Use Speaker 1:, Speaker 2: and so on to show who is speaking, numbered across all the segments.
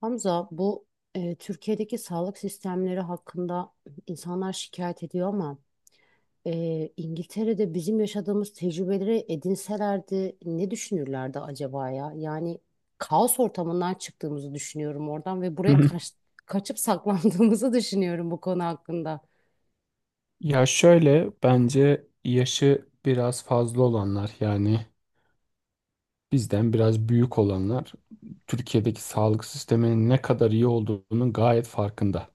Speaker 1: Hamza, bu Türkiye'deki sağlık sistemleri hakkında insanlar şikayet ediyor ama İngiltere'de bizim yaşadığımız tecrübeleri edinselerdi ne düşünürlerdi acaba ya? Yani kaos ortamından çıktığımızı düşünüyorum oradan ve
Speaker 2: Hı
Speaker 1: buraya
Speaker 2: hı.
Speaker 1: kaçıp saklandığımızı düşünüyorum bu konu hakkında.
Speaker 2: Ya şöyle bence yaşı biraz fazla olanlar bizden biraz büyük olanlar Türkiye'deki sağlık sisteminin ne kadar iyi olduğunun gayet farkında.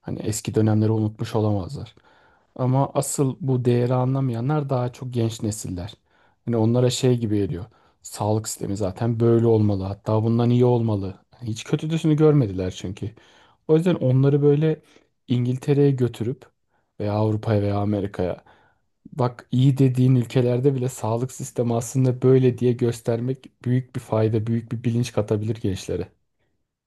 Speaker 2: Hani eski dönemleri unutmuş olamazlar. Ama asıl bu değeri anlamayanlar daha çok genç nesiller. Hani onlara şey gibi geliyor. Sağlık sistemi zaten böyle olmalı. Hatta bundan iyi olmalı. Hani hiç kötüsünü görmediler çünkü. O yüzden onları böyle İngiltere'ye götürüp veya Avrupa'ya veya Amerika'ya, bak, iyi dediğin ülkelerde bile sağlık sistemi aslında böyle diye göstermek büyük bir fayda, büyük bir bilinç katabilir gençlere.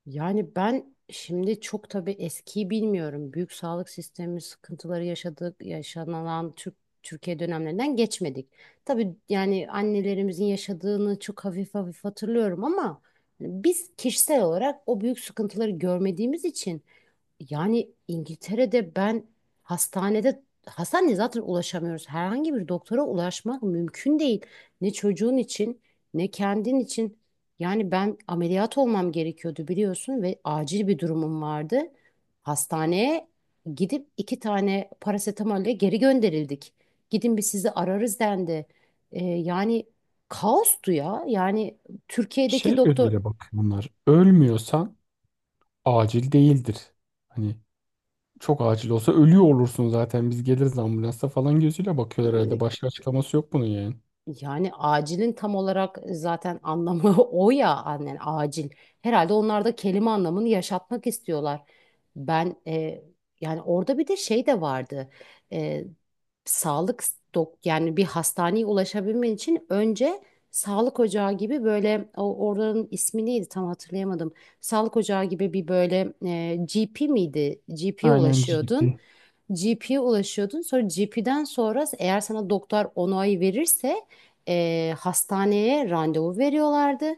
Speaker 1: Yani ben şimdi çok tabii eskiyi bilmiyorum. Büyük sağlık sistemi sıkıntıları yaşadık, yaşanan Türkiye dönemlerinden geçmedik. Tabii yani annelerimizin yaşadığını çok hafif hafif hatırlıyorum ama hani biz kişisel olarak o büyük sıkıntıları görmediğimiz için yani İngiltere'de ben hastaneye zaten ulaşamıyoruz. Herhangi bir doktora ulaşmak mümkün değil. Ne çocuğun için ne kendin için. Yani ben ameliyat olmam gerekiyordu biliyorsun ve acil bir durumum vardı. Hastaneye gidip iki tane parasetamolle geri gönderildik. Gidin bir sizi ararız dendi. Yani kaostu ya. Yani Türkiye'deki
Speaker 2: Şey
Speaker 1: doktor.
Speaker 2: gözüyle bak bunlar. Ölmüyorsan acil değildir. Hani çok acil olsa ölüyor olursun zaten, biz geliriz ambulansa falan gözüyle bakıyorlar herhalde. Başka açıklaması yok bunun yani.
Speaker 1: Yani acilin tam olarak zaten anlamı o ya annen acil. Herhalde onlar da kelime anlamını yaşatmak istiyorlar. Ben yani orada bir de şey de vardı. E, Sağlık dok yani bir hastaneye ulaşabilmen için önce sağlık ocağı gibi böyle o oranın ismi neydi tam hatırlayamadım. Sağlık ocağı gibi bir böyle GP miydi? GP'ye
Speaker 2: Aynen
Speaker 1: ulaşıyordun.
Speaker 2: GP.
Speaker 1: Sonra GP'den sonra eğer sana doktor onayı verirse hastaneye randevu veriyorlardı.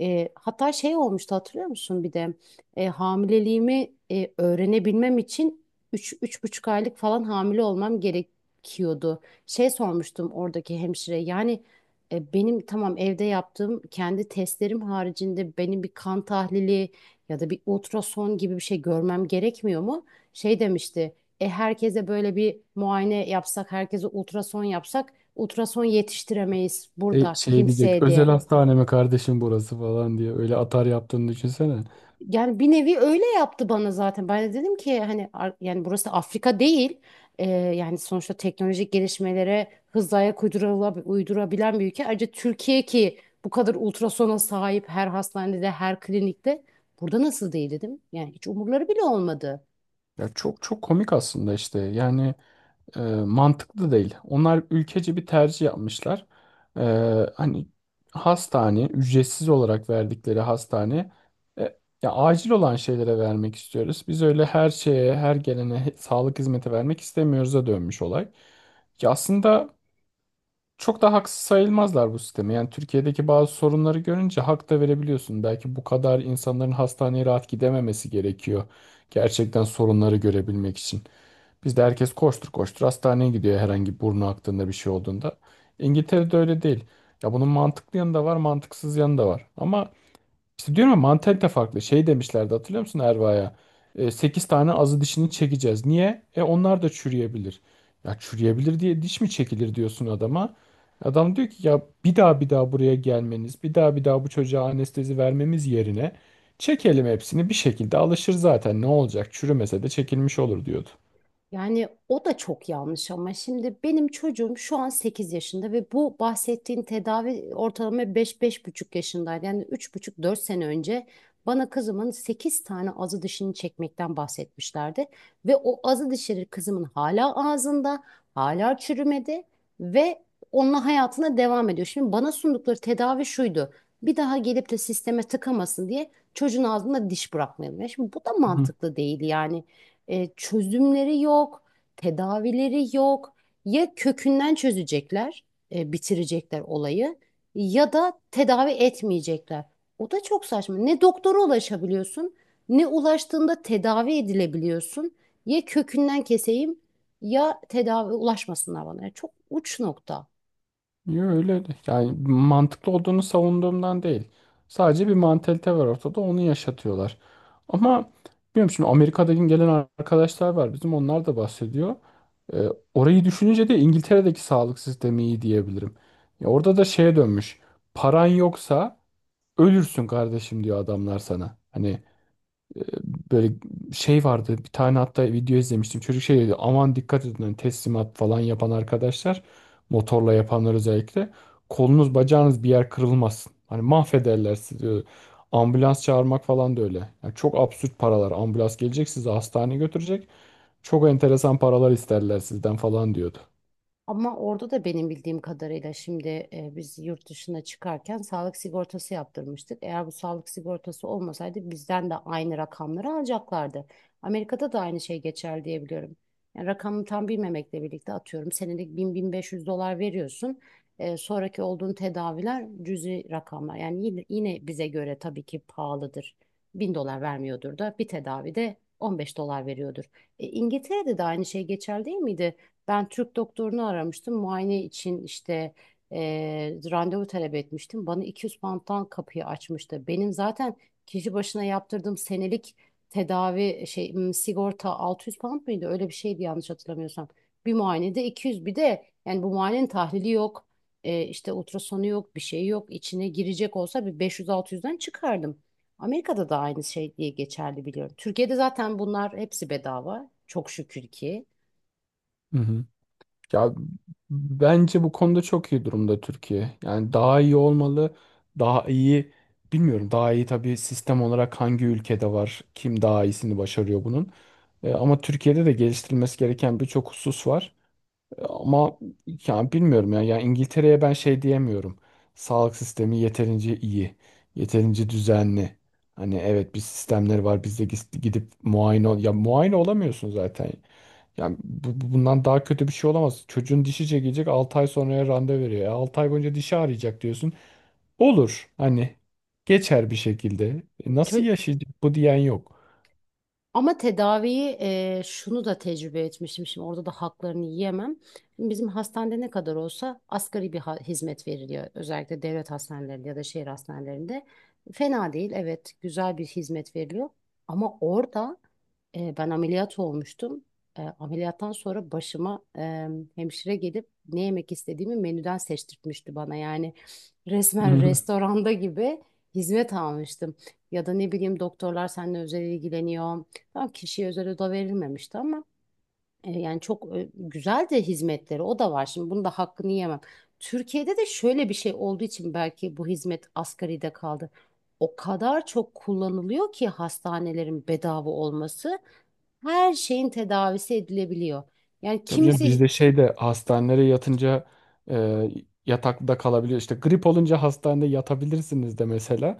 Speaker 1: Hatta şey olmuştu hatırlıyor musun bir de. Hamileliğimi öğrenebilmem için üç, buçuk aylık falan hamile olmam gerekiyordu. Şey sormuştum oradaki hemşire yani benim tamam evde yaptığım kendi testlerim haricinde benim bir kan tahlili ya da bir ultrason gibi bir şey görmem gerekmiyor mu? Şey demişti herkese böyle bir muayene yapsak herkese ultrason yapsak ultrason yetiştiremeyiz burada
Speaker 2: Şey diyecek
Speaker 1: kimseye
Speaker 2: özel
Speaker 1: diye.
Speaker 2: hastaneme kardeşim burası falan diye, öyle atar yaptığını düşünsene.
Speaker 1: Yani bir nevi öyle yaptı bana zaten. Ben de dedim ki hani yani burası Afrika değil. Yani sonuçta teknolojik gelişmelere hızla ayak uydurabilen bir ülke. Ayrıca Türkiye ki bu kadar ultrasona sahip her hastanede, her klinikte. Burada nasıl değil dedim. Yani hiç umurları bile olmadı.
Speaker 2: Ya çok çok komik aslında işte yani e, mantıklı değil. Onlar ülkece bir tercih yapmışlar. E, Hani hastane ücretsiz olarak verdikleri hastane, e, ya acil olan şeylere vermek istiyoruz. Biz öyle her şeye, her gelene sağlık hizmeti vermek istemiyoruz'a dönmüş olay. Ki aslında çok da haksız sayılmazlar bu sisteme. Yani Türkiye'deki bazı sorunları görünce hak da verebiliyorsun. Belki bu kadar insanların hastaneye rahat gidememesi gerekiyor. Gerçekten sorunları görebilmek için. Bizde herkes koştur koştur hastaneye gidiyor herhangi burnu aktığında, bir şey olduğunda. İngiltere'de öyle değil. Ya bunun mantıklı yanı da var, mantıksız yanı da var. Ama işte diyorum ya, mantalite farklı. Şey demişlerdi hatırlıyor musun Erva'ya? 8 tane azı dişini çekeceğiz. Niye? E onlar da çürüyebilir. Ya çürüyebilir diye diş mi çekilir diyorsun adama. Adam diyor ki ya, bir daha bir daha buraya gelmeniz, bir daha bir daha bu çocuğa anestezi vermemiz yerine çekelim hepsini, bir şekilde alışır zaten, ne olacak, çürümese de çekilmiş olur diyordu.
Speaker 1: Yani o da çok yanlış ama şimdi benim çocuğum şu an 8 yaşında ve bu bahsettiğin tedavi ortalama beş beş buçuk yaşındaydı. Yani üç buçuk dört sene önce bana kızımın 8 tane azı dişini çekmekten bahsetmişlerdi. Ve o azı dişleri kızımın hala ağzında, hala çürümedi ve onunla hayatına devam ediyor. Şimdi bana sundukları tedavi şuydu. Bir daha gelip de sisteme tıkamasın diye çocuğun ağzına diş bırakmayalım. Ya şimdi bu da
Speaker 2: Hı.
Speaker 1: mantıklı değil yani. Çözümleri yok, tedavileri yok. Ya kökünden çözecekler, bitirecekler olayı ya da tedavi etmeyecekler. O da çok saçma. Ne doktora ulaşabiliyorsun, ne ulaştığında tedavi edilebiliyorsun. Ya kökünden keseyim ya tedavi ulaşmasınlar bana. Yani çok uç nokta.
Speaker 2: Yo, yani mantıklı olduğunu savunduğumdan değil. Sadece bir mantalite var ortada, onu yaşatıyorlar. Ama bilmiyorum, şimdi Amerika'dan gelen arkadaşlar var bizim, onlar da bahsediyor. Ee, orayı düşününce de İngiltere'deki sağlık sistemi iyi diyebilirim. Ya orada da şeye dönmüş. Paran yoksa ölürsün kardeşim diyor adamlar sana. Hani e, böyle şey vardı bir tane, hatta video izlemiştim. Çocuk şey dedi, aman dikkat edin hani teslimat falan yapan arkadaşlar, motorla yapanlar özellikle, kolunuz bacağınız bir yer kırılmasın. Hani mahvederler sizi diyor. Ambulans çağırmak falan da öyle. Yani çok absürt paralar. Ambulans gelecek sizi hastaneye götürecek. Çok enteresan paralar isterler sizden falan diyordu.
Speaker 1: Ama orada da benim bildiğim kadarıyla şimdi biz yurt dışına çıkarken sağlık sigortası yaptırmıştık. Eğer bu sağlık sigortası olmasaydı bizden de aynı rakamları alacaklardı. Amerika'da da aynı şey geçer diye biliyorum. Yani rakamı tam bilmemekle birlikte atıyorum senelik 1.000-1.500 dolar veriyorsun. Sonraki olduğun tedaviler cüzi rakamlar. Yani yine bize göre tabii ki pahalıdır. 1.000 dolar vermiyordur da bir tedavide 15 dolar veriyordur. İngiltere'de de aynı şey geçer değil miydi? Ben Türk doktorunu aramıştım. Muayene için işte randevu talep etmiştim. Bana 200 pound'dan kapıyı açmıştı. Benim zaten kişi başına yaptırdığım senelik tedavi sigorta 600 pound mıydı? Öyle bir şeydi yanlış hatırlamıyorsam. Bir muayenede 200 bir de yani bu muayenenin tahlili yok. İşte ultrasonu yok, bir şey yok. İçine girecek olsa bir 500-600'den çıkardım. Amerika'da da aynı şey diye geçerli biliyorum. Türkiye'de zaten bunlar hepsi bedava. Çok şükür ki.
Speaker 2: Hı hı. Ya bence bu konuda çok iyi durumda Türkiye. Yani daha iyi olmalı. Daha iyi, bilmiyorum. Daha iyi tabii sistem olarak hangi ülkede var? Kim daha iyisini başarıyor bunun? Ama Türkiye'de de geliştirilmesi gereken birçok husus var. Ama yani bilmiyorum ya. Yani İngiltere'ye ben şey diyemiyorum. Sağlık sistemi yeterince iyi, yeterince düzenli. Hani evet, bir sistemleri var. Biz de gidip muayene ol. Ya muayene olamıyorsun zaten. Yani bundan daha kötü bir şey olamaz. Çocuğun dişi çekecek 6 ay sonraya randevu veriyor. 6 ay boyunca dişi ağrıyacak diyorsun. Olur hani, geçer bir şekilde. Nasıl
Speaker 1: Çö-
Speaker 2: yaşayacak bu diyen yok.
Speaker 1: Ama tedaviyi şunu da tecrübe etmişim. Şimdi orada da haklarını yiyemem. Şimdi bizim hastanede ne kadar olsa asgari bir hizmet veriliyor. Özellikle devlet hastanelerinde ya da şehir hastanelerinde. Fena değil, evet, güzel bir hizmet veriliyor. Ama orada ben ameliyat olmuştum. Ameliyattan sonra başıma hemşire gelip ne yemek istediğimi menüden seçtirtmişti bana. Yani resmen restoranda gibi hizmet almıştım. Ya da ne bileyim doktorlar seninle özel ilgileniyor. Tam kişiye özel oda verilmemişti ama yani çok güzel de hizmetleri o da var. Şimdi bunun da hakkını yemem. Türkiye'de de şöyle bir şey olduğu için belki bu hizmet asgaride kaldı. O kadar çok kullanılıyor ki hastanelerin bedava olması her şeyin tedavisi edilebiliyor. Yani
Speaker 2: Tabii canım,
Speaker 1: kimisi
Speaker 2: bizde şey de, hastanelere yatınca e, yatakta kalabiliyor. İşte grip olunca hastanede yatabilirsiniz de mesela.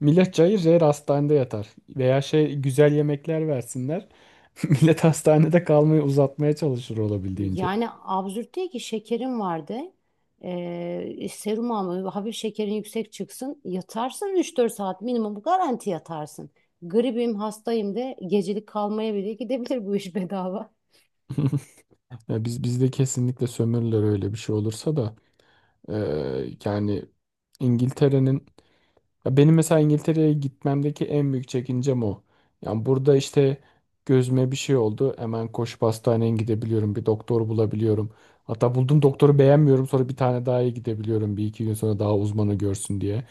Speaker 2: Millet cayır cayır hastanede yatar. Veya şey, güzel yemekler versinler. Millet hastanede kalmayı uzatmaya çalışır olabildiğince.
Speaker 1: yani absürt değil ki şekerin vardı. Serum alma, hafif şekerin yüksek çıksın. Yatarsın üç dört saat minimum garanti yatarsın. Gribim, hastayım de gecelik kalmaya bile gidebilir bu iş bedava.
Speaker 2: Ya bizde kesinlikle sömürürler öyle bir şey olursa da. Yani İngiltere'nin, ya benim mesela İngiltere'ye gitmemdeki en büyük çekincem o. Yani burada işte gözüme bir şey oldu. Hemen koşup hastaneye gidebiliyorum. Bir doktor bulabiliyorum. Hatta buldum, doktoru beğenmiyorum. Sonra bir tane daha iyi gidebiliyorum. Bir iki gün sonra daha uzmanı görsün diye.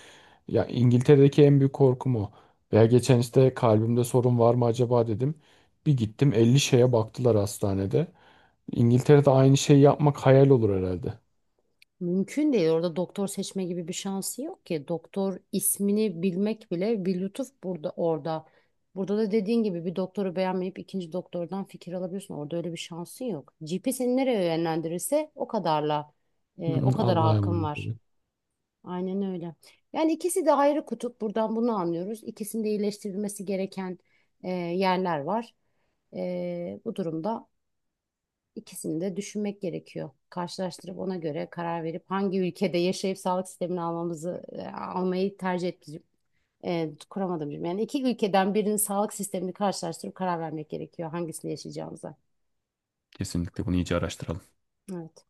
Speaker 2: Ya İngiltere'deki en büyük korkum o. Veya geçen işte kalbimde sorun var mı acaba dedim. Bir gittim, 50 şeye baktılar hastanede. İngiltere'de aynı şeyi yapmak hayal olur herhalde.
Speaker 1: Mümkün değil. Orada doktor seçme gibi bir şansı yok ki. Doktor ismini bilmek bile bir lütuf burada orada. Burada da dediğin gibi bir doktoru beğenmeyip ikinci doktordan fikir alabiliyorsun. Orada öyle bir şansın yok. GP seni nereye yönlendirirse o kadarla
Speaker 2: Hı hı,
Speaker 1: o
Speaker 2: evet.
Speaker 1: kadar
Speaker 2: Allah'a
Speaker 1: hakkın
Speaker 2: emanet.
Speaker 1: var. Aynen öyle. Yani ikisi de ayrı kutup. Buradan bunu anlıyoruz. İkisinde iyileştirilmesi gereken yerler var. Bu durumda İkisini de düşünmek gerekiyor. Karşılaştırıp ona göre karar verip hangi ülkede yaşayıp sağlık sistemini almamızı almayı tercih etmeyeceğim. Kuramadım cümle. Yani iki ülkeden birinin sağlık sistemini karşılaştırıp karar vermek gerekiyor hangisini yaşayacağımıza.
Speaker 2: Kesinlikle bunu iyice araştıralım.
Speaker 1: Evet.